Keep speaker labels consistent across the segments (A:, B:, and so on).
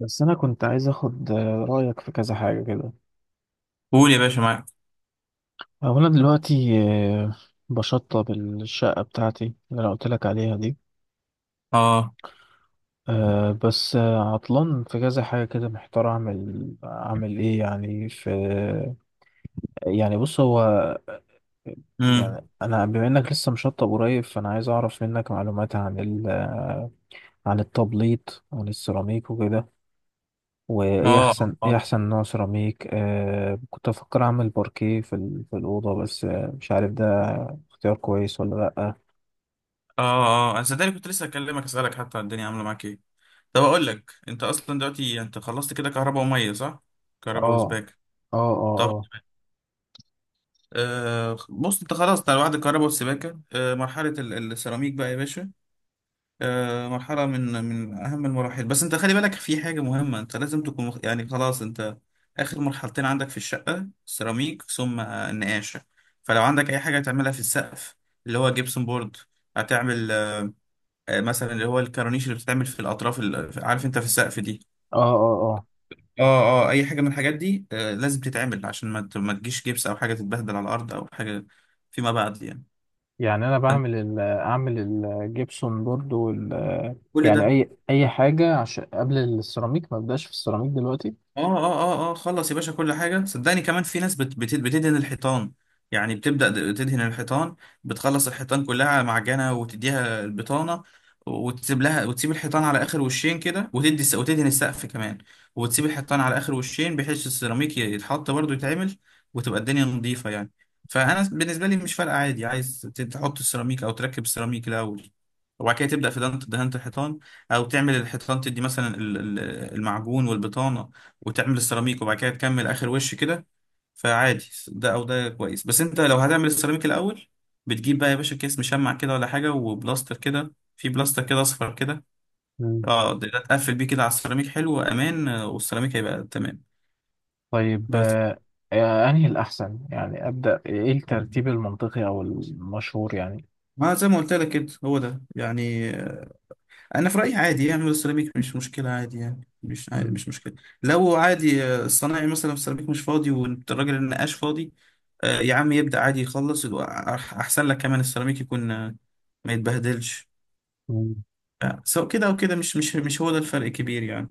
A: بس أنا كنت عايز أخد رأيك في كذا حاجة كده.
B: قول يا باشا معاك.
A: هو أنا دلوقتي آه، بشطب الشقة بتاعتي اللي أنا قلت لك عليها دي.
B: اه.
A: آه، بس آه، عطلان في كذا حاجة كده، محتار أعمل إيه يعني في. يعني بص هو،
B: امم
A: يعني أنا بما إنك لسه مشطب قريب فأنا عايز أعرف منك معلومات عن ال آه، عن التبليط وعن السيراميك وكده.
B: اه
A: وايه
B: اه
A: احسن، ايه
B: اه
A: احسن نوع سيراميك؟ آه كنت افكر اعمل باركيه في الاوضه، بس مش عارف ده اختيار كويس ولا لا.
B: اه انا صدقني كنت لسه اكلمك اسالك حتى. الدنيا عامله معاك ايه؟ طب اقول لك انت اصلا دلوقتي انت خلصت كده كهرباء وميه، صح؟ كهرباء
A: اه،
B: وسباكه.
A: اه، اه،
B: طب
A: اه،
B: بص انت خلاص انت على وعد الكهرباء والسباكه. مرحله السيراميك بقى يا باشا. مرحلة من أهم المراحل، بس أنت خلي بالك في حاجة مهمة. أنت لازم تكون خلاص أنت آخر مرحلتين عندك في الشقة، سيراميك ثم النقاشة. فلو عندك أي حاجة تعملها في السقف اللي هو جبسون بورد هتعمل مثلا اللي هو الكورنيش اللي بتتعمل في الأطراف، عارف أنت في السقف دي.
A: اه، اه، اه.
B: اه اه أي حاجة من الحاجات دي لازم تتعمل عشان ما تجيش جبس أو حاجة تتبهدل على الأرض أو حاجة فيما بعد يعني.
A: يعني انا
B: فأنت
A: بعمل اعمل الجبسون بورد
B: كل
A: يعني
B: ده
A: اي حاجه عشان قبل السيراميك ما ابداش في السيراميك دلوقتي.
B: اه اه اه اه خلص يا باشا كل حاجة صدقني. كمان في ناس بت بت بتدهن الحيطان، يعني بتبدأ تدهن الحيطان، بتخلص الحيطان كلها معجنة وتديها البطانة وتسيب لها، وتسيب الحيطان على آخر وشين كده، وتدي وتدهن السقف كمان، وتسيب الحيطان على آخر وشين بحيث السيراميك يتحط برضه يتعمل، وتبقى الدنيا نظيفة يعني. فأنا بالنسبة لي مش فارقة، عادي عايز تحط السيراميك أو تركب السيراميك الأول وبعد كده تبدأ في دهنة الحيطان، أو تعمل الحيطان تدي مثلا المعجون والبطانة وتعمل السيراميك وبعد كده تكمل اخر وش كده. فعادي ده او ده كويس، بس انت لو هتعمل السيراميك الاول بتجيب بقى يا باشا كيس مشمع كده ولا حاجه، وبلاستر كده، في بلاستر كده اصفر كده.
A: مم.
B: اه ده تقفل بيه كده على السيراميك، حلو وامان والسيراميك هيبقى تمام.
A: طيب،
B: بس
A: انهي الاحسن؟ يعني ابدا ايه الترتيب المنطقي او المشهور يعني؟
B: ما زي ما قلت لك كده هو ده يعني. انا في رايي عادي يعمل السيراميك، مش مشكله عادي يعني، مش عادي
A: مم.
B: مش مشكله. لو عادي الصنايعي مثلا في السيراميك مش فاضي والراجل النقاش فاضي، يا عم يبدا عادي يخلص يبقى احسن لك، كمان السيراميك يكون ما يتبهدلش.
A: مم.
B: سواء كده او كده، مش هو ده الفرق الكبير يعني.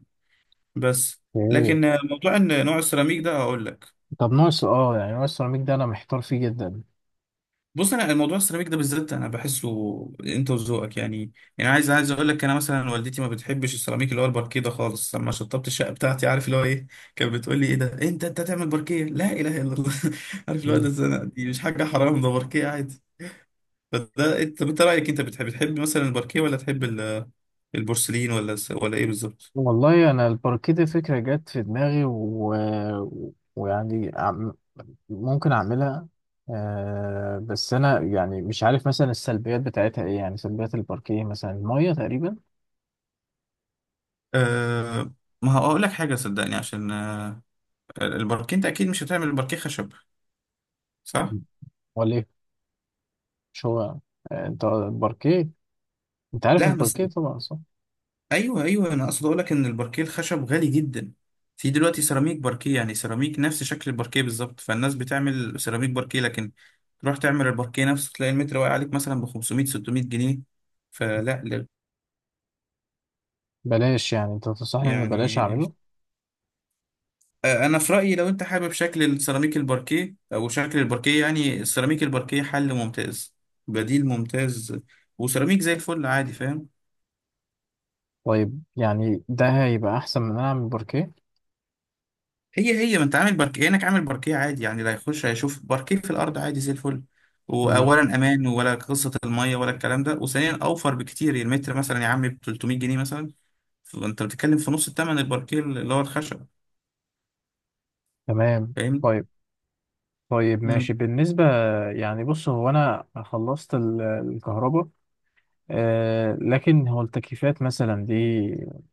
B: بس
A: مم.
B: لكن موضوع ان نوع السيراميك ده اقول لك.
A: طب ناقص اه يعني ناقص السيراميك ده، انا محتار فيه جدا.
B: بص انا الموضوع السيراميك ده بالذات انا بحسه انت وذوقك يعني. يعني عايز اقول لك انا مثلا والدتي ما بتحبش السيراميك اللي هو الباركيه ده خالص. لما شطبت الشقه بتاعتي عارف اللي هو ايه؟ كانت بتقول لي ايه ده؟ إيه انت تعمل باركيه؟ لا اله الا الله. عارف اللي هو
A: مم.
B: ده زنا. دي مش حاجه حرام، ده باركيه عادي. فده انت رايك، انت تحب مثلا الباركيه ولا تحب البورسلين ولا ولا ايه بالظبط؟
A: والله انا الباركيه دي فكره جت في دماغي ويعني عم- ممكن اعملها. بس انا يعني مش عارف مثلا السلبيات بتاعتها ايه، يعني سلبيات الباركيه مثلا الميه تقريبا.
B: أه ما هقول لك حاجه صدقني. عشان الباركيه انت اكيد مش هتعمل الباركيه خشب، صح؟
A: ولا ايه؟ مش هو آه انت الباركيه انت عارف
B: لا بس
A: الباركيه طبعا، صح؟
B: ايوه انا اقصد اقول لك ان الباركيه الخشب غالي جدا. في دلوقتي سيراميك باركيه، يعني سيراميك نفس شكل الباركيه بالظبط، فالناس بتعمل سيراميك باركيه. لكن تروح تعمل الباركيه نفسه تلاقي المتر واقع عليك مثلا ب 500 600 ج. فلا لا،
A: بلاش؟ يعني انت تنصحني ان بلاش
B: يعني
A: اعمله؟
B: انا في رايي لو انت حابب شكل السيراميك الباركيه او شكل الباركيه، يعني السيراميك الباركيه حل ممتاز، بديل ممتاز، وسيراميك زي الفل عادي، فاهم؟
A: طيب يعني ده هيبقى احسن من ان انا اعمل باركيه؟
B: هي ما انت عامل باركيه، كأنك عامل باركيه عادي يعني، لا يخش هيشوف باركيه في الارض عادي زي الفل.
A: مم.
B: واولا امان ولا قصه الميه ولا الكلام ده، وثانيا اوفر بكتير، يعني المتر مثلا يا عم ب 300 ج مثلا. فانت بتتكلم في نص الثمن الباركيه اللي هو الخشب،
A: تمام.
B: فاهمني؟
A: طيب. طيب
B: مم.
A: ماشي، بالنسبة، يعني بص هو أنا خلصت الكهرباء. آه، لكن هو التكييفات مثلا دي،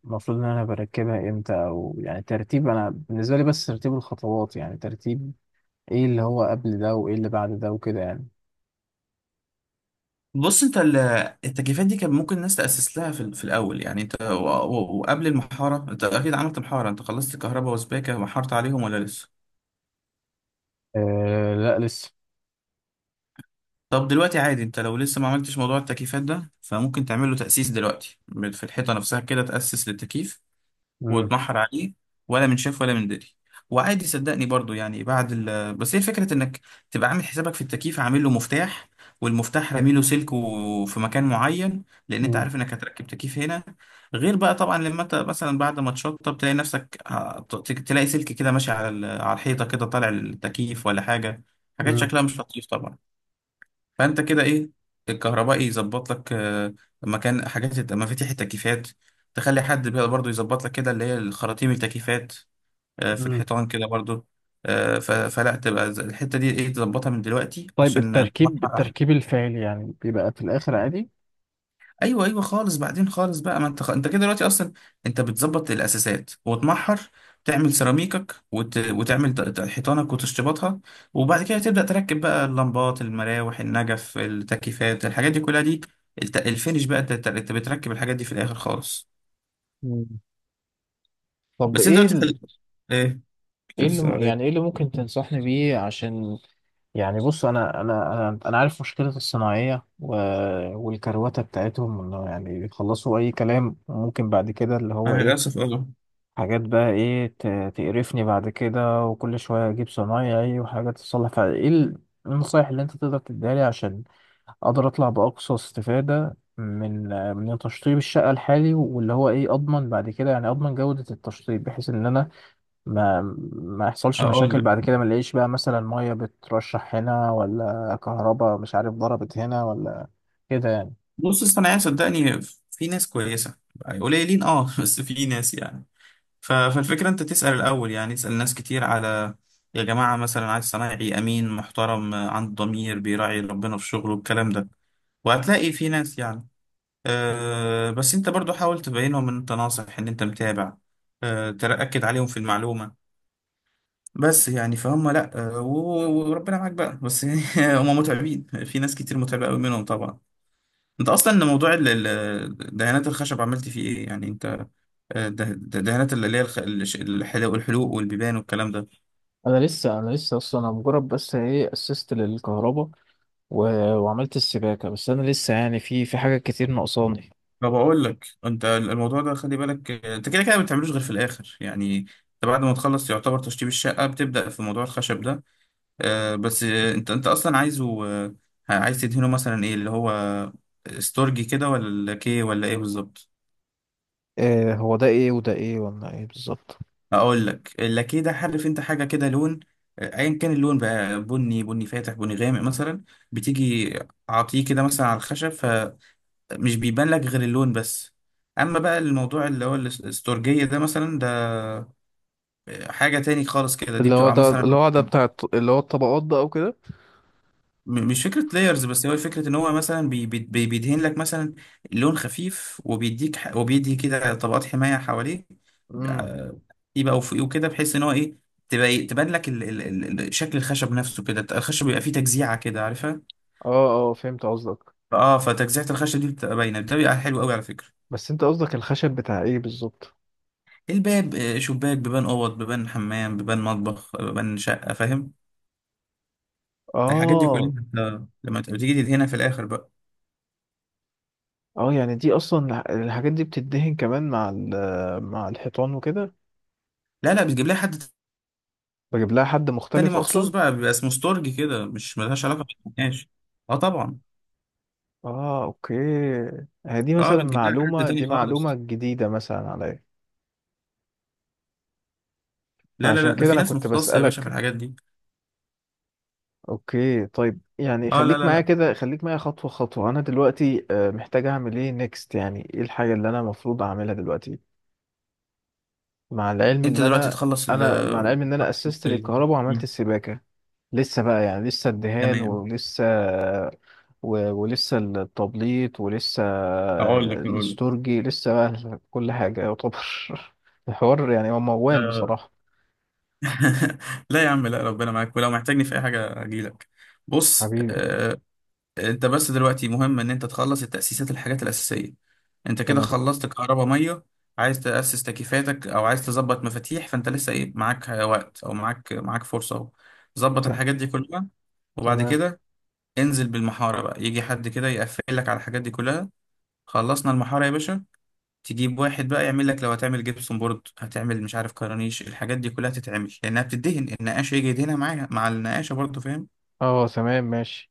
A: المفروض إن أنا بركبها إمتى؟ أو يعني ترتيب، أنا بالنسبة لي بس ترتيب الخطوات، يعني ترتيب إيه اللي هو قبل ده وإيه اللي بعد ده وكده يعني.
B: بص انت التكييفات دي كان ممكن الناس تاسس لها في الاول، يعني انت وقبل المحاره انت اكيد عملت محاره، انت خلصت كهرباء وسباكه ومحرت عليهم ولا لسه؟
A: آه، لا لسه.
B: طب دلوقتي عادي انت لو لسه ما عملتش موضوع التكييفات ده فممكن تعمل له تأسيس دلوقتي في الحيطة نفسها كده، تأسس للتكييف
A: مم.
B: وتمحر عليه ولا من شاف ولا من دري. وعادي صدقني برضو يعني بعد ال بس هي فكرة انك تبقى عامل حسابك في التكييف، عامل له مفتاح، والمفتاح رامي له سلك في مكان معين، لان انت
A: مم.
B: عارف انك هتركب تكييف هنا. غير بقى طبعا لما انت مثلا بعد ما تشطب تلاقي نفسك تلاقي سلك كده ماشي على على الحيطة كده طالع للتكييف ولا حاجة، حاجات
A: مم.
B: شكلها مش لطيف طبعا. فانت كده ايه، الكهربائي يظبط لك مكان حاجات مفاتيح التكييفات، تخلي حد بقى برضو يظبط لك كده اللي هي الخراطيم التكييفات في
A: مم.
B: الحيطان كده برضو. فلا تبقى الحتة دي ايه، تظبطها من دلوقتي
A: طيب
B: عشان
A: التركيب،
B: تحقق.
A: الفعلي يعني بيبقى في الآخر عادي؟
B: ايوه خالص بعدين خالص بقى. ما انت انت كده دلوقتي اصلا انت بتظبط الاساسات وتمحر، تعمل سيراميكك وتعمل حيطانك وتشطيباتها، وبعد كده تبدا تركب بقى اللمبات المراوح النجف التكييفات، الحاجات دي كلها دي الفينش بقى، انت بتركب الحاجات دي في الاخر خالص.
A: مم. طب
B: بس انت
A: ايه
B: قلت في ايه، كنت
A: ايه اللي
B: بتسأل على
A: يعني ايه
B: ايه؟
A: اللي ممكن تنصحني بيه عشان؟ يعني بص، انا عارف مشكله الصناعيه والكروته بتاعتهم، انه يعني بيخلصوا اي كلام، ممكن بعد كده اللي هو
B: انا
A: ايه،
B: للاسف اه.
A: حاجات بقى ايه تقرفني بعد كده. وكل شويه اجيب صنايعي وحاجات تصلح، فايه النصايح اللي انت تقدر تديها لي عشان اقدر اطلع باقصى استفاده من تشطيب الشقه الحالي، واللي هو ايه اضمن بعد كده، يعني اضمن جوده التشطيب، بحيث ان انا ما ما يحصلش
B: اقول
A: مشاكل
B: لك،
A: بعد كده، ما نلاقيش بقى مثلا ميه بترشح هنا، ولا كهرباء مش عارف ضربت هنا ولا كده يعني.
B: بص الصناعيه صدقني في ناس كويسه، قليلين اه بس في ناس يعني. فالفكرة انت تسأل الأول، يعني اسأل ناس كتير على، يا جماعة مثلا عايز صنايعي أمين محترم عنده ضمير بيراعي ربنا في شغله الكلام ده، وهتلاقي في ناس يعني. أه بس انت برضو حاول تبينهم ان انت ناصح، ان انت متابع، أه تأكد عليهم في المعلومة بس، يعني فهم لا أه وربنا معاك بقى بس. هم متعبين، في ناس كتير متعبة قوي منهم طبعا. انت اصلا موضوع دهانات الخشب عملت فيه ايه يعني انت؟ ده دهانات اللي هي الحلو والحلوق والبيبان والكلام ده.
A: انا لسه، اصلا انا مجرد بس ايه اسست للكهرباء و... وعملت السباكه، بس انا لسه يعني في حاجات كتير ناقصاني.
B: فبقول لك انت الموضوع ده خلي بالك انت كده كده ما بتعملوش غير في الاخر، يعني انت بعد ما تخلص يعتبر تشطيب الشقه بتبدا في موضوع الخشب ده. آه، بس آه، انت اصلا عايز تدهنه مثلا ايه، اللي هو استورجي كده ولا اللاكيه ولا ايه بالظبط؟
A: إيه هو ده ايه؟ وده ايه؟ ولا ايه بالظبط؟
B: اقول لك، اللاكيه ده عارف انت حاجه كده لون، ايا كان اللون بقى، بني، بني فاتح، بني غامق مثلا، بتيجي اعطيه كده مثلا على الخشب، مش بيبان لك غير اللون بس. اما بقى الموضوع اللي هو الاستورجية ده مثلا، ده حاجة تاني خالص كده، دي
A: اللي هو
B: بتبقى
A: ده
B: مثلا
A: اللي هو ده بتاع اللي هو الطبقات، ده او كده؟
B: مش فكرة لايرز، بس هو فكرة ان هو مثلا بيدهن لك مثلا لون خفيف وبيديك وبيدي كده طبقات حماية حواليه،
A: امم
B: آه، يبقى وفوقيه كده بحيث ان هو ايه، تبقى تبان لك شكل الخشب نفسه كده. الخشب بيبقى فيه تجزيعة كده عارفها.
A: اه، اه، فهمت قصدك.
B: اه فتجزيعة الخشب دي بتبقى باينة، ده بيبقى حلو قوي على فكرة.
A: بس انت قصدك الخشب بتاع ايه بالظبط؟
B: الباب شباك، بيبان اوض، بيبان حمام، بيبان مطبخ، بيبان شقه، فاهم؟ الحاجات دي
A: اه،
B: كلها انت لما تبقى بتيجي تدهنها في الاخر بقى.
A: اه، يعني دي اصلا الحاجات دي بتدهن كمان مع مع الحيطان وكده؟
B: لا لا، بتجيب لها حد
A: بجيب لها حد
B: تاني
A: مختلف
B: مخصوص
A: اصلا؟
B: بقى، بيبقى اسمه ستورج كده، مش ملهاش علاقه بالنقاش. اه طبعا.
A: اه، اوكي. هي دي
B: اه
A: مثلا
B: بتجيب لها حد
A: معلومة،
B: تاني
A: دي معلومة
B: خالص.
A: جديدة مثلا عليا.
B: لا لا
A: فعشان
B: لا، ده
A: كده
B: في
A: انا
B: ناس
A: كنت
B: مختصه يا باشا في
A: بسألك.
B: الحاجات دي.
A: اوكي. طيب، يعني
B: اه لا
A: خليك
B: لا
A: معايا
B: لا،
A: كده، خليك معايا خطوة خطوة. انا دلوقتي محتاج اعمل ايه نيكست؟ يعني ايه الحاجة اللي انا المفروض اعملها دلوقتي؟ مع العلم
B: انت
A: ان
B: دلوقتي
A: انا
B: تخلص ال
A: انا مع العلم ان انا اسست
B: ال-
A: للكهرباء
B: م،
A: وعملت السباكه. لسه بقى، يعني لسه الدهان
B: تمام.
A: ولسه ولسه التبليط ولسه
B: اقول لك
A: الاستورجي لسه بقى، كل حاجه يعتبر الحوار يعني هو موال
B: آه.
A: بصراحه.
B: لا يا عم لا، ربنا معاك، ولو محتاجني في اي حاجه اجي لك. بص
A: حبيبي.
B: انت بس دلوقتي مهم ان انت تخلص التأسيسات، الحاجات الأساسية. انت كده
A: تمام.
B: خلصت كهرباء مية، عايز تأسس تكييفاتك او عايز تظبط مفاتيح، فانت لسه ايه، معاك وقت او معاك فرصة اهو ظبط
A: ت-
B: الحاجات دي كلها. وبعد
A: تمام.
B: كده انزل بالمحارة بقى، يجي حد كده يقفل لك على الحاجات دي كلها. خلصنا المحارة يا باشا، تجيب واحد بقى يعمل لك، لو هتعمل جبسون بورد هتعمل مش عارف كرانيش، الحاجات دي كلها تتعمل لانها بتدهن. النقاش يجي يدهنها معاها مع النقاشة برضه، فاهم؟
A: اه. تمام ماشي.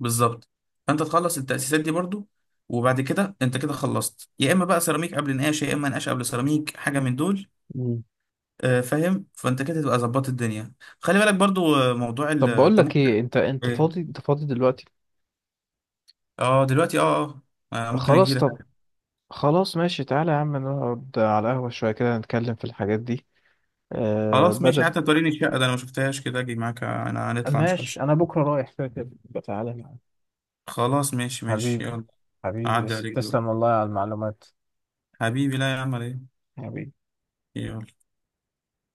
B: بالظبط. فانت تخلص التأسيسات دي برضو، وبعد كده انت كده خلصت، يا اما بقى سيراميك قبل نقاش يا اما نقاش قبل سيراميك، حاجه من دول.
A: مم.
B: فاهم؟ فانت كده تبقى ظبطت الدنيا. خلي بالك برضو موضوع
A: طب بقول
B: انت
A: لك
B: ممكن.
A: ايه،
B: إيه؟
A: انت فاضي دلوقتي؟
B: اه دلوقتي اه. اه ممكن اجي
A: خلاص.
B: لك.
A: طب، خلاص ماشي، تعالى يا عم نقعد على القهوه شويه كده نتكلم في الحاجات دي.
B: خلاص ماشي،
A: بدل.
B: حتى توريني الشقه ده انا ما شفتهاش. كده اجي معاك انا هنطلع نشوف
A: ماشي
B: الشقه.
A: انا بكره رايح كده كده، يبقى تعالى معايا.
B: خلاص ماشي ماشي
A: حبيبي.
B: يلا.
A: حبيبي،
B: اعدي عليك دلوقتي.
A: تسلم والله على المعلومات.
B: حبيبي لا يا عم على ايه.
A: حبيبي.
B: يلا.